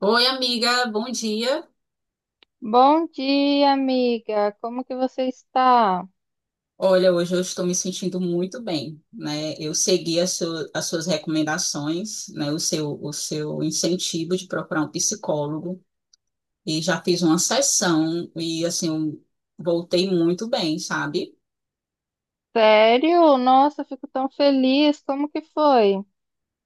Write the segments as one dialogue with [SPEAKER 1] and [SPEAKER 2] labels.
[SPEAKER 1] Oi, amiga, bom dia.
[SPEAKER 2] Bom dia, amiga. Como que você está?
[SPEAKER 1] Olha, hoje eu estou me sentindo muito bem, né? Eu segui as suas recomendações, né? O seu incentivo de procurar um psicólogo e já fiz uma sessão e assim eu voltei muito bem, sabe?
[SPEAKER 2] Sério? Nossa, eu fico tão feliz. Como que foi?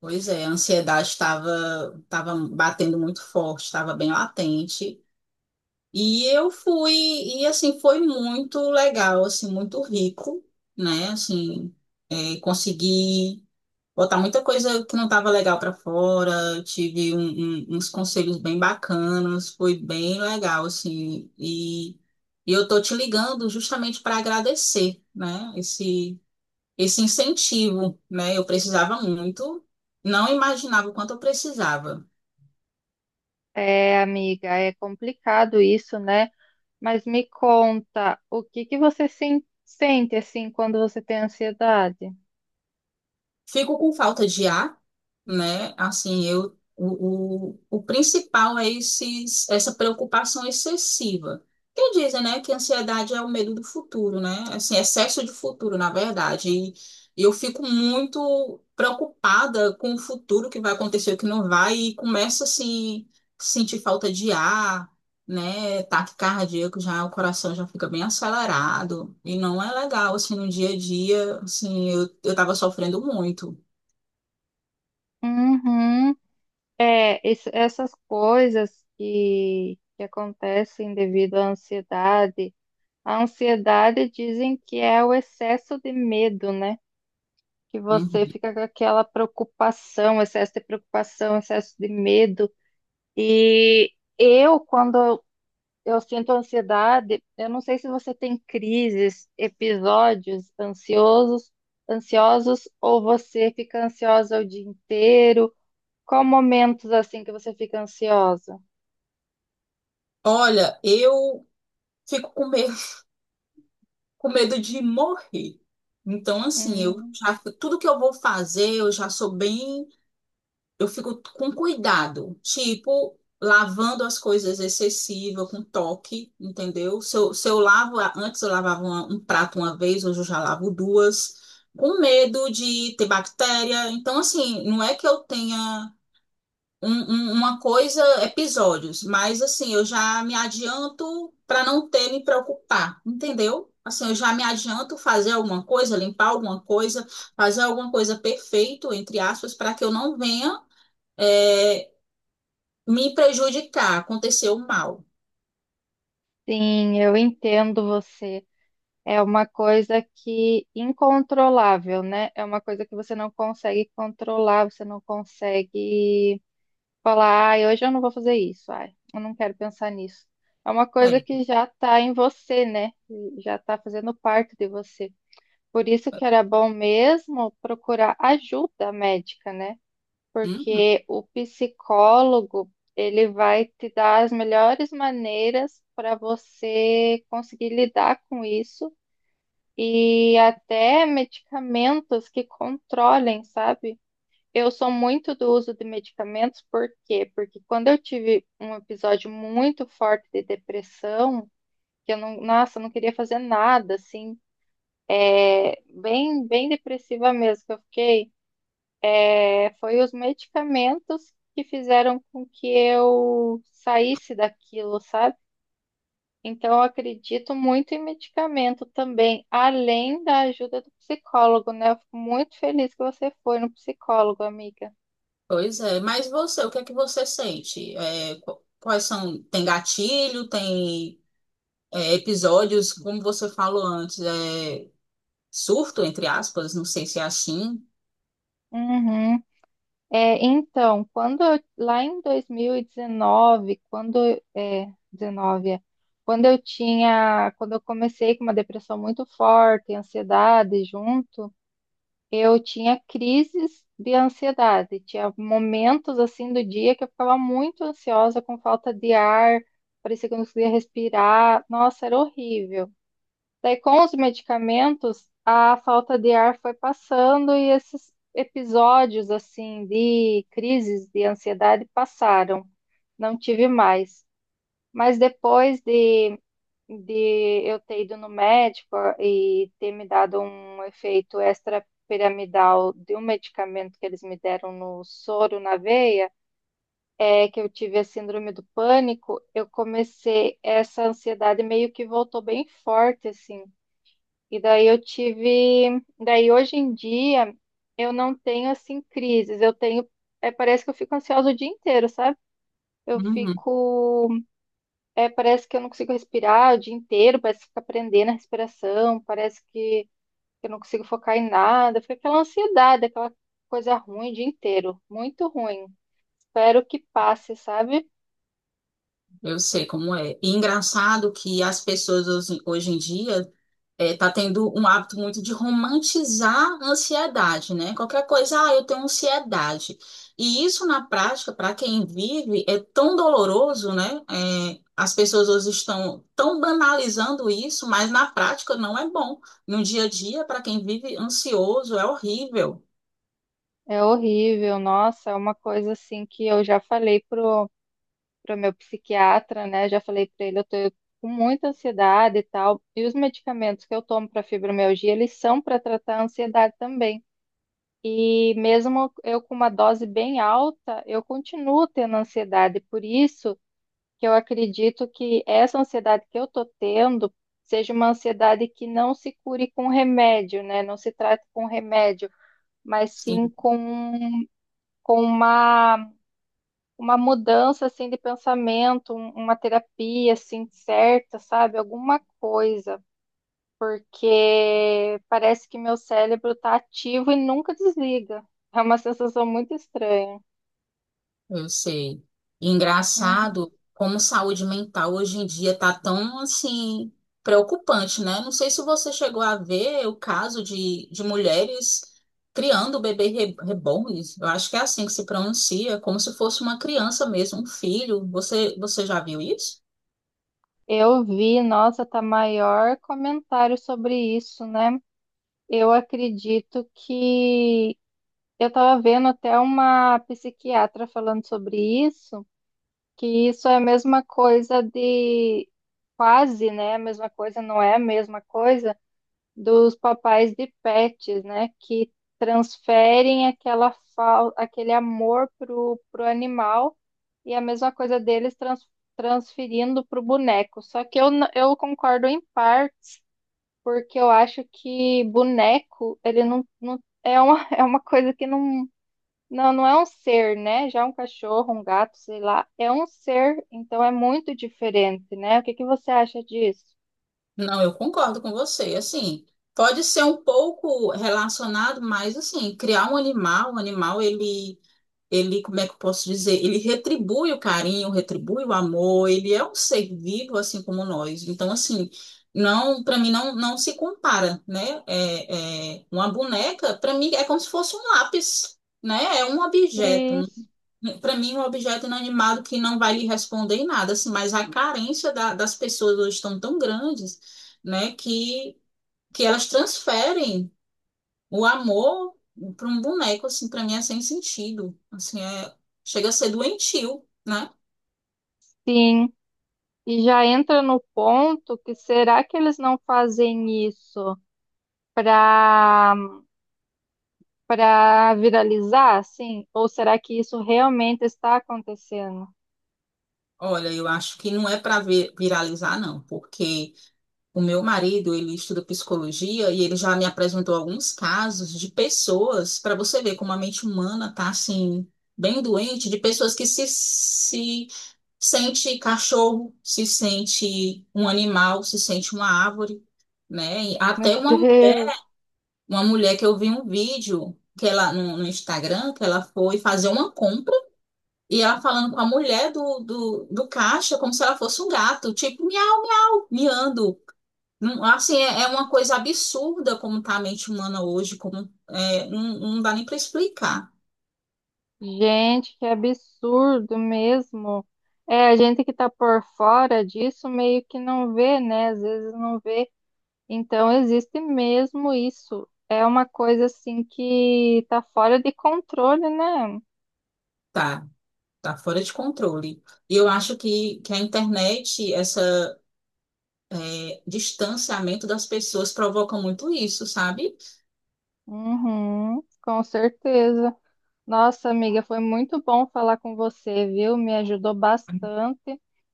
[SPEAKER 1] Pois é, a ansiedade estava batendo muito forte, estava bem latente. E eu fui, e assim, foi muito legal, assim, muito rico, né? Assim, consegui botar muita coisa que não estava legal para fora. Eu tive uns conselhos bem bacanas, foi bem legal, assim. E eu tô te ligando justamente para agradecer, né? Esse incentivo, né? Eu precisava muito, não imaginava o quanto eu precisava.
[SPEAKER 2] É, amiga, é complicado isso, né? Mas me conta, o que que você sente assim quando você tem ansiedade?
[SPEAKER 1] Fico com falta de ar, né? Assim, o principal é essa preocupação excessiva. Que dizem, né, que a ansiedade é o medo do futuro, né? Assim, excesso de futuro, na verdade. E eu fico muito preocupada com o futuro que vai acontecer, o que não vai, e começo assim sentir falta de ar, né, ataque cardíaco, já o coração já fica bem acelerado e não é legal, assim, no dia a dia, assim, eu tava sofrendo muito.
[SPEAKER 2] Uhum. É, essas coisas que acontecem devido à ansiedade. A ansiedade dizem que é o excesso de medo, né? Que
[SPEAKER 1] Uhum.
[SPEAKER 2] você fica com aquela preocupação, excesso de medo. E eu, quando eu sinto ansiedade, eu não sei se você tem crises, episódios ansiosos, ansiosos, ou você fica ansiosa o dia inteiro. Qual momentos assim que você fica ansiosa?
[SPEAKER 1] Olha, eu fico com medo, com medo de morrer. Então, assim, eu
[SPEAKER 2] Uhum.
[SPEAKER 1] já, tudo que eu vou fazer, eu já sou bem, eu fico com cuidado, tipo, lavando as coisas excessiva, com toque, entendeu? Se eu lavo, antes eu lavava um prato uma vez, hoje eu já lavo duas, com medo de ter bactéria. Então, assim, não é que eu tenha uma coisa, episódios, mas, assim, eu já me adianto para não ter me preocupar, entendeu? Assim, eu já me adianto fazer alguma coisa, limpar alguma coisa, fazer alguma coisa perfeito, entre aspas, para que eu não venha, é, me prejudicar, aconteceu mal.
[SPEAKER 2] Sim, eu entendo você. É uma coisa que incontrolável, né? É uma coisa que você não consegue controlar, você não consegue falar, ai, hoje eu não vou fazer isso, ai, eu não quero pensar nisso. É uma coisa
[SPEAKER 1] É.
[SPEAKER 2] que já está em você, né? Já está fazendo parte de você. Por isso que era bom mesmo procurar ajuda médica, né?
[SPEAKER 1] Uhum.
[SPEAKER 2] Porque o psicólogo, ele vai te dar as melhores maneiras para você conseguir lidar com isso e até medicamentos que controlem, sabe? Eu sou muito do uso de medicamentos, por quê? Porque quando eu tive um episódio muito forte de depressão, que eu não, nossa, eu não queria fazer nada, assim, é, bem, bem depressiva mesmo que eu fiquei, é, foi os medicamentos que fizeram com que eu saísse daquilo, sabe? Então, eu acredito muito em medicamento também, além da ajuda do psicólogo, né? Eu fico muito feliz que você foi no psicólogo, amiga.
[SPEAKER 1] Pois é, mas você, o que é que você sente? É, quais são, tem gatilho, tem, episódios, como você falou antes, surto, entre aspas, não sei se é assim.
[SPEAKER 2] Uhum. É, então, quando eu- lá em 2019, quando é, 19, é, quando eu tinha, quando eu comecei com uma depressão muito forte, ansiedade junto. Eu tinha crises de ansiedade, tinha momentos assim do dia que eu ficava muito ansiosa, com falta de ar, parecia que eu não conseguia respirar. Nossa, era horrível. Daí, com os medicamentos, a falta de ar foi passando e esses episódios assim de crises de ansiedade passaram. Não tive mais. Mas depois de eu ter ido no médico e ter me dado um efeito extrapiramidal de um medicamento que eles me deram no soro, na veia, é que eu tive a síndrome do pânico, eu comecei, essa ansiedade meio que voltou bem forte, assim. E daí eu tive, daí hoje em dia eu não tenho assim crises, eu tenho, é, parece que eu fico ansiosa o dia inteiro, sabe? Eu
[SPEAKER 1] Uhum.
[SPEAKER 2] fico é, parece que eu não consigo respirar o dia inteiro, parece que fica prendendo a respiração, parece que eu não consigo focar em nada, fica aquela ansiedade, aquela coisa ruim o dia inteiro, muito ruim. Espero que passe, sabe?
[SPEAKER 1] Eu sei como é. E engraçado que as pessoas hoje, hoje em dia, tá tendo um hábito muito de romantizar a ansiedade, né? Qualquer coisa, ah, eu tenho ansiedade. E isso na prática, para quem vive, é tão doloroso, né? É, as pessoas hoje estão tão banalizando isso, mas na prática não é bom. No dia a dia, para quem vive ansioso, é horrível.
[SPEAKER 2] É horrível, nossa, é uma coisa assim que eu já falei pro, pro meu psiquiatra, né? Já falei pra ele, eu tô com muita ansiedade e tal. E os medicamentos que eu tomo para fibromialgia, eles são para tratar a ansiedade também. E mesmo eu com uma dose bem alta, eu continuo tendo ansiedade. Por isso que eu acredito que essa ansiedade que eu estou tendo seja uma ansiedade que não se cure com remédio, né? Não se trate com remédio, mas sim
[SPEAKER 1] Sim.
[SPEAKER 2] com uma mudança assim de pensamento, uma terapia assim certa, sabe? Alguma coisa porque parece que meu cérebro tá ativo e nunca desliga. É uma sensação muito estranha.
[SPEAKER 1] Eu sei.
[SPEAKER 2] Uhum.
[SPEAKER 1] Engraçado como saúde mental hoje em dia tá tão assim preocupante, né? Não sei se você chegou a ver o caso de mulheres criando bebê reborns. Eu acho que é assim que se pronuncia, como se fosse uma criança mesmo, um filho. Você já viu isso?
[SPEAKER 2] Eu vi, nossa, tá maior comentário sobre isso, né? Eu acredito que eu tava vendo até uma psiquiatra falando sobre isso, que isso é a mesma coisa de quase, né? A mesma coisa, não é a mesma coisa dos papais de pets, né? Que transferem aquela aquele amor pro, pro animal e a mesma coisa deles transferindo pro boneco. Só que eu, eu concordo em parte porque eu acho que boneco, ele não, não é uma, é uma coisa que não, não, não é um ser, né? Já um cachorro, um gato, sei lá, é um ser, então é muito diferente, né? O que que você acha disso?
[SPEAKER 1] Não, eu concordo com você. Assim, pode ser um pouco relacionado, mas assim, criar um animal, ele, como é que eu posso dizer? Ele retribui o carinho, retribui o amor, ele é um ser vivo assim como nós. Então, assim, não, para mim não, não se compara, né? Uma boneca, para mim é como se fosse um lápis, né? É um objeto.
[SPEAKER 2] Isso.
[SPEAKER 1] Para mim, um objeto inanimado que não vai lhe responder em nada, assim, mas a carência das pessoas hoje estão tão grandes, né, que elas transferem o amor para um boneco, assim, para mim é sem sentido. Assim, chega a ser doentio, né?
[SPEAKER 2] Sim. E já entra no ponto que será que eles não fazem isso para para viralizar, assim? Ou será que isso realmente está acontecendo?
[SPEAKER 1] Olha, eu acho que não é para viralizar, não, porque o meu marido, ele estuda psicologia e ele já me apresentou alguns casos de pessoas, para você ver como a mente humana tá, assim, bem doente, de pessoas que se sente cachorro, se sente um animal, se sente uma árvore, né? E
[SPEAKER 2] Meu
[SPEAKER 1] até uma
[SPEAKER 2] Deus,
[SPEAKER 1] Uma mulher que eu vi um vídeo que ela, no Instagram, que ela foi fazer uma compra e ela falando com a mulher do caixa como se ela fosse um gato, tipo, miau, miau, miando. Não. Assim, é uma coisa absurda como tá a mente humana hoje, como é, não, não dá nem para explicar.
[SPEAKER 2] gente, que absurdo mesmo. É, a gente que está por fora disso meio que não vê, né? Às vezes não vê. Então existe mesmo isso. É uma coisa assim que está fora de controle, né?
[SPEAKER 1] Tá, tá fora de controle. E eu acho que a internet, essa, distanciamento das pessoas provoca muito isso, sabe?
[SPEAKER 2] Uhum, com certeza. Nossa, amiga, foi muito bom falar com você, viu? Me ajudou bastante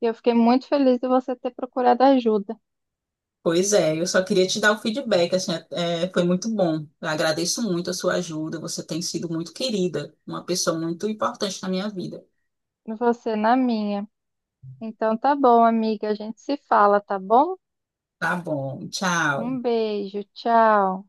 [SPEAKER 2] e eu fiquei muito feliz de você ter procurado ajuda,
[SPEAKER 1] Pois é, eu só queria te dar o feedback, assim, foi muito bom. Eu agradeço muito a sua ajuda, você tem sido muito querida, uma pessoa muito importante na minha vida.
[SPEAKER 2] e você na minha. Então tá bom, amiga, a gente se fala, tá bom?
[SPEAKER 1] Tá bom, tchau.
[SPEAKER 2] Um beijo, tchau.